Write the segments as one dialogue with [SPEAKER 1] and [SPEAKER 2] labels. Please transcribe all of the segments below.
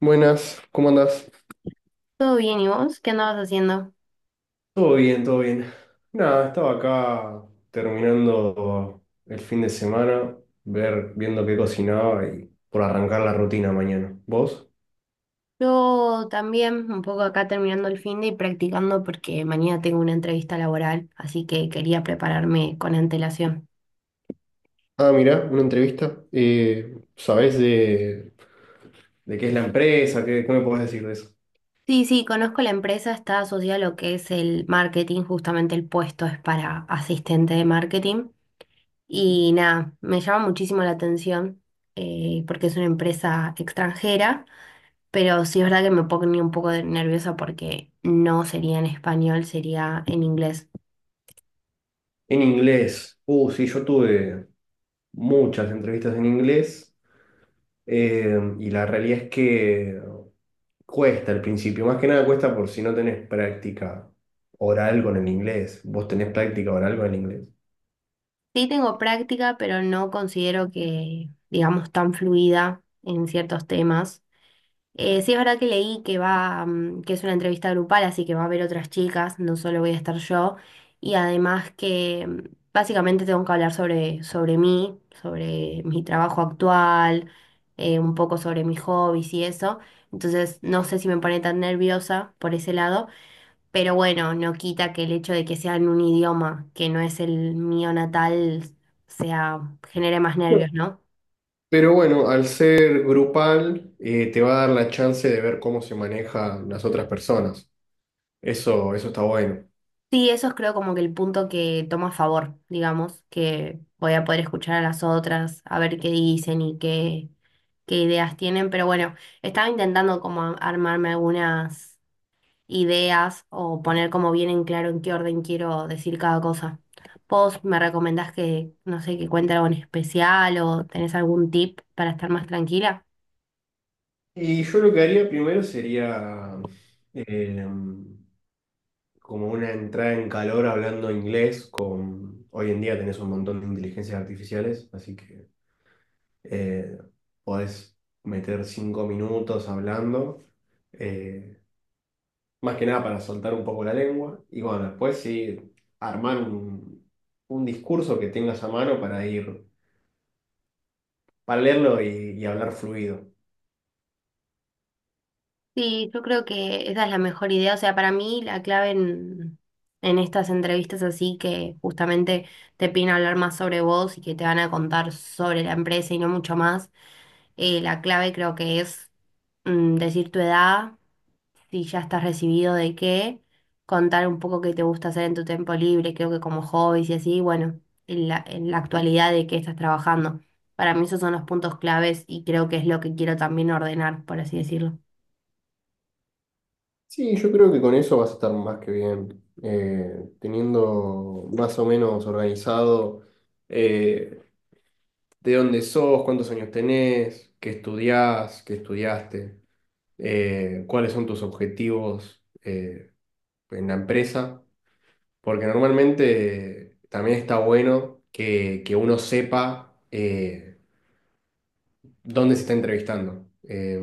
[SPEAKER 1] Buenas, ¿cómo andás?
[SPEAKER 2] Todo bien, ¿y vos? ¿Qué andabas haciendo?
[SPEAKER 1] Todo bien, todo bien. Nada, estaba acá terminando el fin de semana, viendo qué cocinaba y por arrancar la rutina mañana. ¿Vos?
[SPEAKER 2] Yo también, un poco acá terminando el fin de y practicando porque mañana tengo una entrevista laboral, así que quería prepararme con antelación.
[SPEAKER 1] Ah, mirá, una entrevista. ¿Sabés de...? ¿De qué es la empresa? ¿Qué me podés decir de eso?
[SPEAKER 2] Sí, sí, conozco la empresa, está asociada a lo que es el marketing, justamente el puesto es para asistente de marketing. Y nada, me llama muchísimo la atención porque es una empresa extranjera, pero sí es verdad que me pone un poco nerviosa porque no sería en español, sería en inglés.
[SPEAKER 1] En inglés. Sí, yo tuve muchas entrevistas en inglés, y la realidad es que cuesta al principio, más que nada cuesta por si no tenés práctica oral con el inglés. ¿Vos tenés práctica oral con el inglés?
[SPEAKER 2] Sí tengo práctica, pero no considero que, digamos, tan fluida en ciertos temas. Sí es verdad que leí que va, que es una entrevista grupal, así que va a haber otras chicas, no solo voy a estar yo. Y además que básicamente tengo que hablar sobre mí, sobre mi trabajo actual, un poco sobre mis hobbies y eso. Entonces no sé si me pone tan nerviosa por ese lado. Pero bueno, no quita que el hecho de que sea en un idioma que no es el mío natal sea, genere más
[SPEAKER 1] No.
[SPEAKER 2] nervios, ¿no?
[SPEAKER 1] Pero bueno, al ser grupal, te va a dar la chance de ver cómo se manejan las otras personas. Eso está bueno.
[SPEAKER 2] Sí, eso es creo como que el punto que toma a favor, digamos, que voy a poder escuchar a las otras, a ver qué dicen qué ideas tienen. Pero bueno, estaba intentando como armarme algunas ideas o poner como bien en claro en qué orden quiero decir cada cosa. ¿Vos me recomendás que, no sé, que cuente algo en especial o tenés algún tip para estar más tranquila?
[SPEAKER 1] Y yo lo que haría primero sería eh, como una entrada en calor hablando inglés con... Hoy en día tenés un montón de inteligencias artificiales, así que Eh, podés meter 5 minutos hablando, eh, más que nada para soltar un poco la lengua. Y bueno, después sí, armar un discurso que tengas a mano para ir, para leerlo y hablar fluido.
[SPEAKER 2] Sí, yo creo que esa es la mejor idea. O sea, para mí la clave en estas entrevistas así que justamente te piden hablar más sobre vos y que te van a contar sobre la empresa y no mucho más, la clave creo que es decir tu edad si ya estás recibido de qué, contar un poco qué te gusta hacer en tu tiempo libre, creo que como hobbies y así, bueno, en la actualidad de qué estás trabajando. Para mí esos son los puntos claves y creo que es lo que quiero también ordenar, por así decirlo.
[SPEAKER 1] Sí, yo creo que con eso vas a estar más que bien, teniendo más o menos organizado eh, de dónde sos, cuántos años tenés, qué estudiás, qué estudiaste, cuáles son tus objetivos en la empresa, porque normalmente también está bueno que uno sepa dónde se está entrevistando.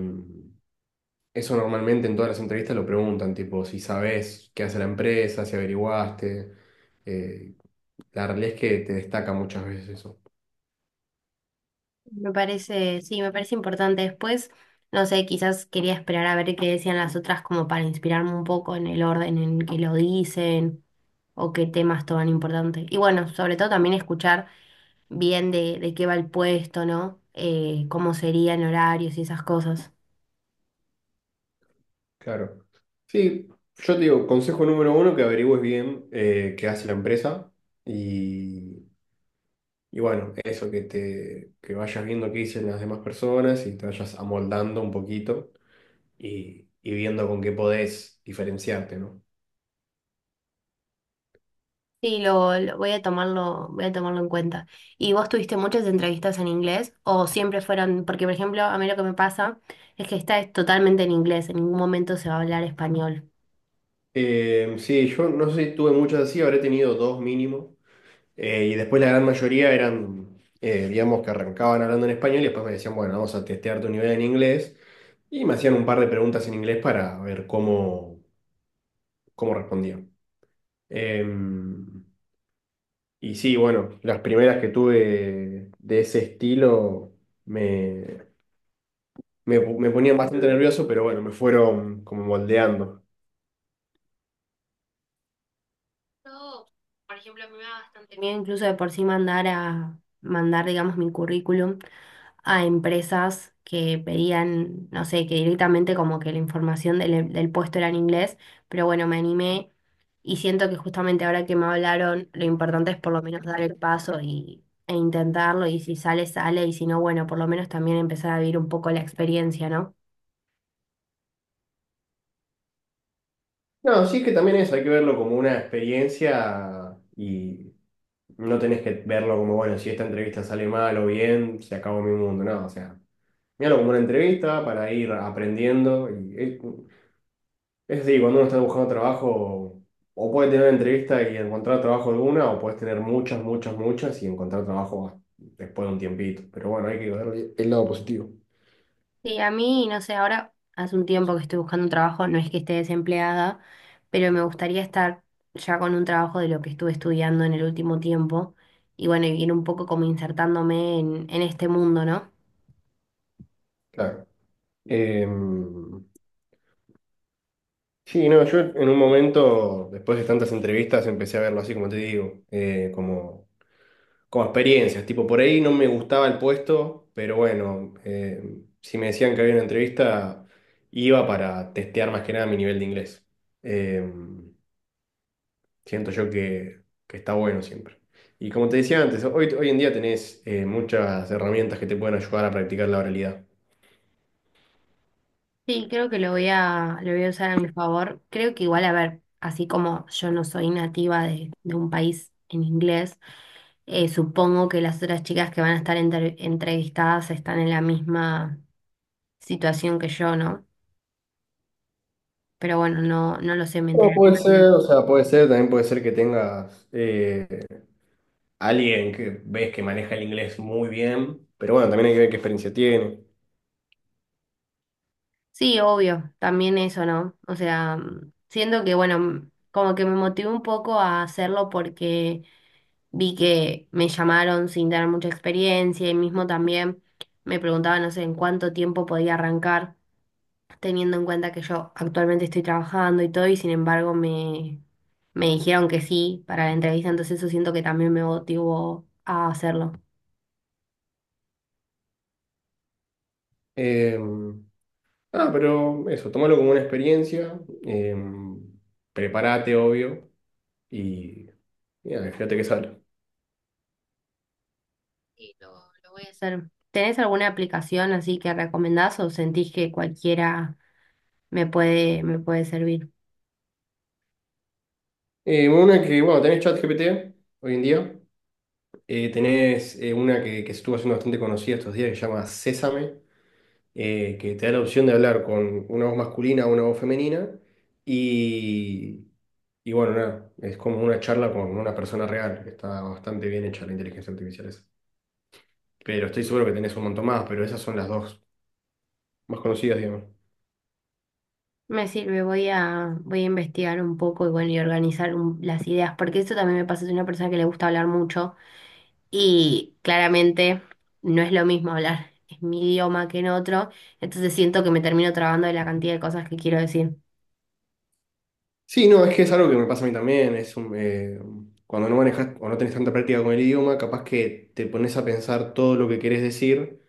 [SPEAKER 1] Eso normalmente en todas las entrevistas lo preguntan, tipo, si sabes qué hace la empresa, si averiguaste. Eh, la realidad es que te destaca muchas veces eso.
[SPEAKER 2] Me parece, sí, me parece importante. Después, no sé, quizás quería esperar a ver qué decían las otras como para inspirarme un poco en el orden en que lo dicen o qué temas toman importante. Y bueno, sobre todo también escuchar bien de qué va el puesto, ¿no? Cómo serían horarios y esas cosas.
[SPEAKER 1] Claro. Sí, yo te digo, consejo número uno, que averigües bien, qué hace la empresa. y Y bueno, eso, que te que vayas viendo qué dicen las demás personas y te vayas amoldando un poquito y viendo con qué podés diferenciarte, ¿no?
[SPEAKER 2] Sí, voy a tomarlo en cuenta. ¿Y vos tuviste muchas entrevistas en inglés o siempre fueron, porque por ejemplo, a mí lo que me pasa es que esta es totalmente en inglés, en ningún momento se va a hablar español.
[SPEAKER 1] Sí, yo no sé si tuve muchas así, habré tenido dos mínimo. Y después la gran mayoría eran, digamos, que arrancaban hablando en español y después me decían, bueno, vamos a testear tu nivel en inglés. Y me hacían un par de preguntas en inglés para ver cómo, cómo respondía. Em, Y sí, bueno, las primeras que tuve de ese estilo me, me ponían bastante nervioso, pero bueno, me fueron como moldeando.
[SPEAKER 2] Yo, por ejemplo, me da bastante miedo incluso de por sí mandar, digamos, mi currículum a empresas que pedían, no sé, que directamente como que la información del puesto era en inglés, pero bueno, me animé y siento que justamente ahora que me hablaron, lo importante es por lo menos dar el paso e intentarlo y si sale, sale y si no, bueno, por lo menos también empezar a vivir un poco la experiencia, ¿no?
[SPEAKER 1] No, sí es que también eso, hay que verlo como una experiencia y no tenés que verlo como, bueno, si esta entrevista sale mal o bien, se acabó mi mundo, no, o sea, míralo como una entrevista para ir aprendiendo es decir, cuando uno está buscando trabajo, o puede tener una entrevista y encontrar trabajo alguna, o puedes tener muchas, muchas, muchas y encontrar trabajo después de un tiempito. Pero bueno, hay que ver el lado positivo.
[SPEAKER 2] Sí, a mí, no sé, ahora hace un tiempo que estoy buscando un trabajo, no es que esté desempleada, pero me gustaría estar ya con un trabajo de lo que estuve estudiando en el último tiempo y bueno, y ir un poco como insertándome en este mundo, ¿no?
[SPEAKER 1] Claro. Em, sí, no, yo en un momento, después de tantas entrevistas, empecé a verlo así como te digo, como experiencias. Tipo, por ahí no me gustaba el puesto, pero bueno, si me decían que había una entrevista, iba para testear más que nada mi nivel de inglés. Em, Siento yo que está bueno siempre. Y como te decía antes, hoy en día tenés, muchas herramientas que te pueden ayudar a practicar la oralidad.
[SPEAKER 2] Sí, creo que lo voy a usar a mi favor. Creo que igual, a ver, así como yo no soy nativa de un país en inglés, supongo que las otras chicas que van a estar entrevistadas están en la misma situación que yo, ¿no? Pero bueno, no lo sé, me
[SPEAKER 1] Pero
[SPEAKER 2] enteraré
[SPEAKER 1] puede
[SPEAKER 2] mañana.
[SPEAKER 1] ser, o sea, puede ser, también puede ser que tengas, alguien que ves que maneja el inglés muy bien, pero bueno, también hay que ver qué experiencia tiene.
[SPEAKER 2] Sí, obvio, también eso, ¿no? O sea, siento que, bueno, como que me motivó un poco a hacerlo porque vi que me llamaron sin dar mucha experiencia y mismo también me preguntaban, no sé, en cuánto tiempo podía arrancar, teniendo en cuenta que yo actualmente estoy trabajando y todo, y sin embargo me dijeron que sí para la entrevista, entonces eso siento que también me motivó a hacerlo.
[SPEAKER 1] Eh, pero eso, tomalo como una experiencia, eh, prepárate, obvio, y mira, fíjate qué sale.
[SPEAKER 2] Sí, lo voy a hacer. ¿Tenés alguna aplicación así que recomendás o sentís que cualquiera me puede servir?
[SPEAKER 1] Una que, bueno, tenés ChatGPT hoy en día. Tenés, una que estuvo haciendo bastante conocida estos días que se llama Sésame, que te da la opción de hablar con una voz masculina o una voz femenina. Y, y bueno, nada, es como una charla con una persona real. Está bastante bien hecha la inteligencia artificial esa. Pero estoy seguro que tenés un montón más, pero esas son las dos más conocidas, digamos.
[SPEAKER 2] Me sirve, voy a investigar un poco y bueno, y organizar las ideas, porque eso también me pasa, soy una persona que le gusta hablar mucho y claramente no es lo mismo hablar en mi idioma que en otro, entonces siento que me termino trabando de la cantidad de cosas que quiero decir.
[SPEAKER 1] Sí, no, es que es algo que me pasa a mí también. Cuando no manejas o no tenés tanta práctica con el idioma, capaz que te pones a pensar todo lo que querés decir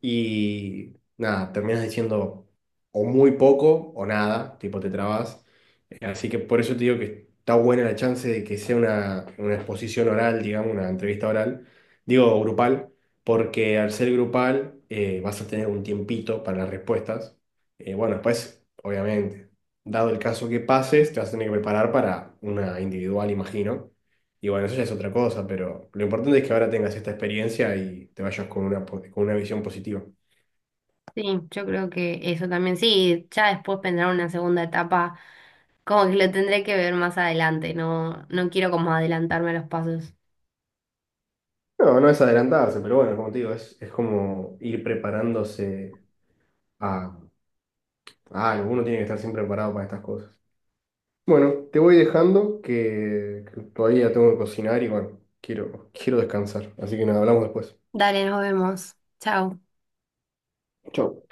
[SPEAKER 1] y nada, terminas diciendo o muy poco o nada, tipo te trabas. Así que por eso te digo que está buena la chance de que sea una exposición oral, digamos, una entrevista oral, digo grupal, porque al ser grupal, vas a tener un tiempito para las respuestas. Bueno, después, obviamente, dado el caso que pases, te vas a tener que preparar para una individual, imagino. Y bueno, eso ya es otra cosa, pero lo importante es que ahora tengas esta experiencia y te vayas con con una visión positiva.
[SPEAKER 2] Sí, yo creo que eso también, sí, ya después vendrá una segunda etapa. Como que lo tendré que ver más adelante, no quiero como adelantarme a los pasos.
[SPEAKER 1] No, no es adelantarse, pero bueno, como te digo, es como ir preparándose a, a algo. Uno tiene que estar siempre preparado para estas cosas. Bueno, te voy dejando que todavía tengo que cocinar y bueno, quiero descansar. Así que nada, hablamos después.
[SPEAKER 2] Dale, nos vemos. Chao.
[SPEAKER 1] Chau.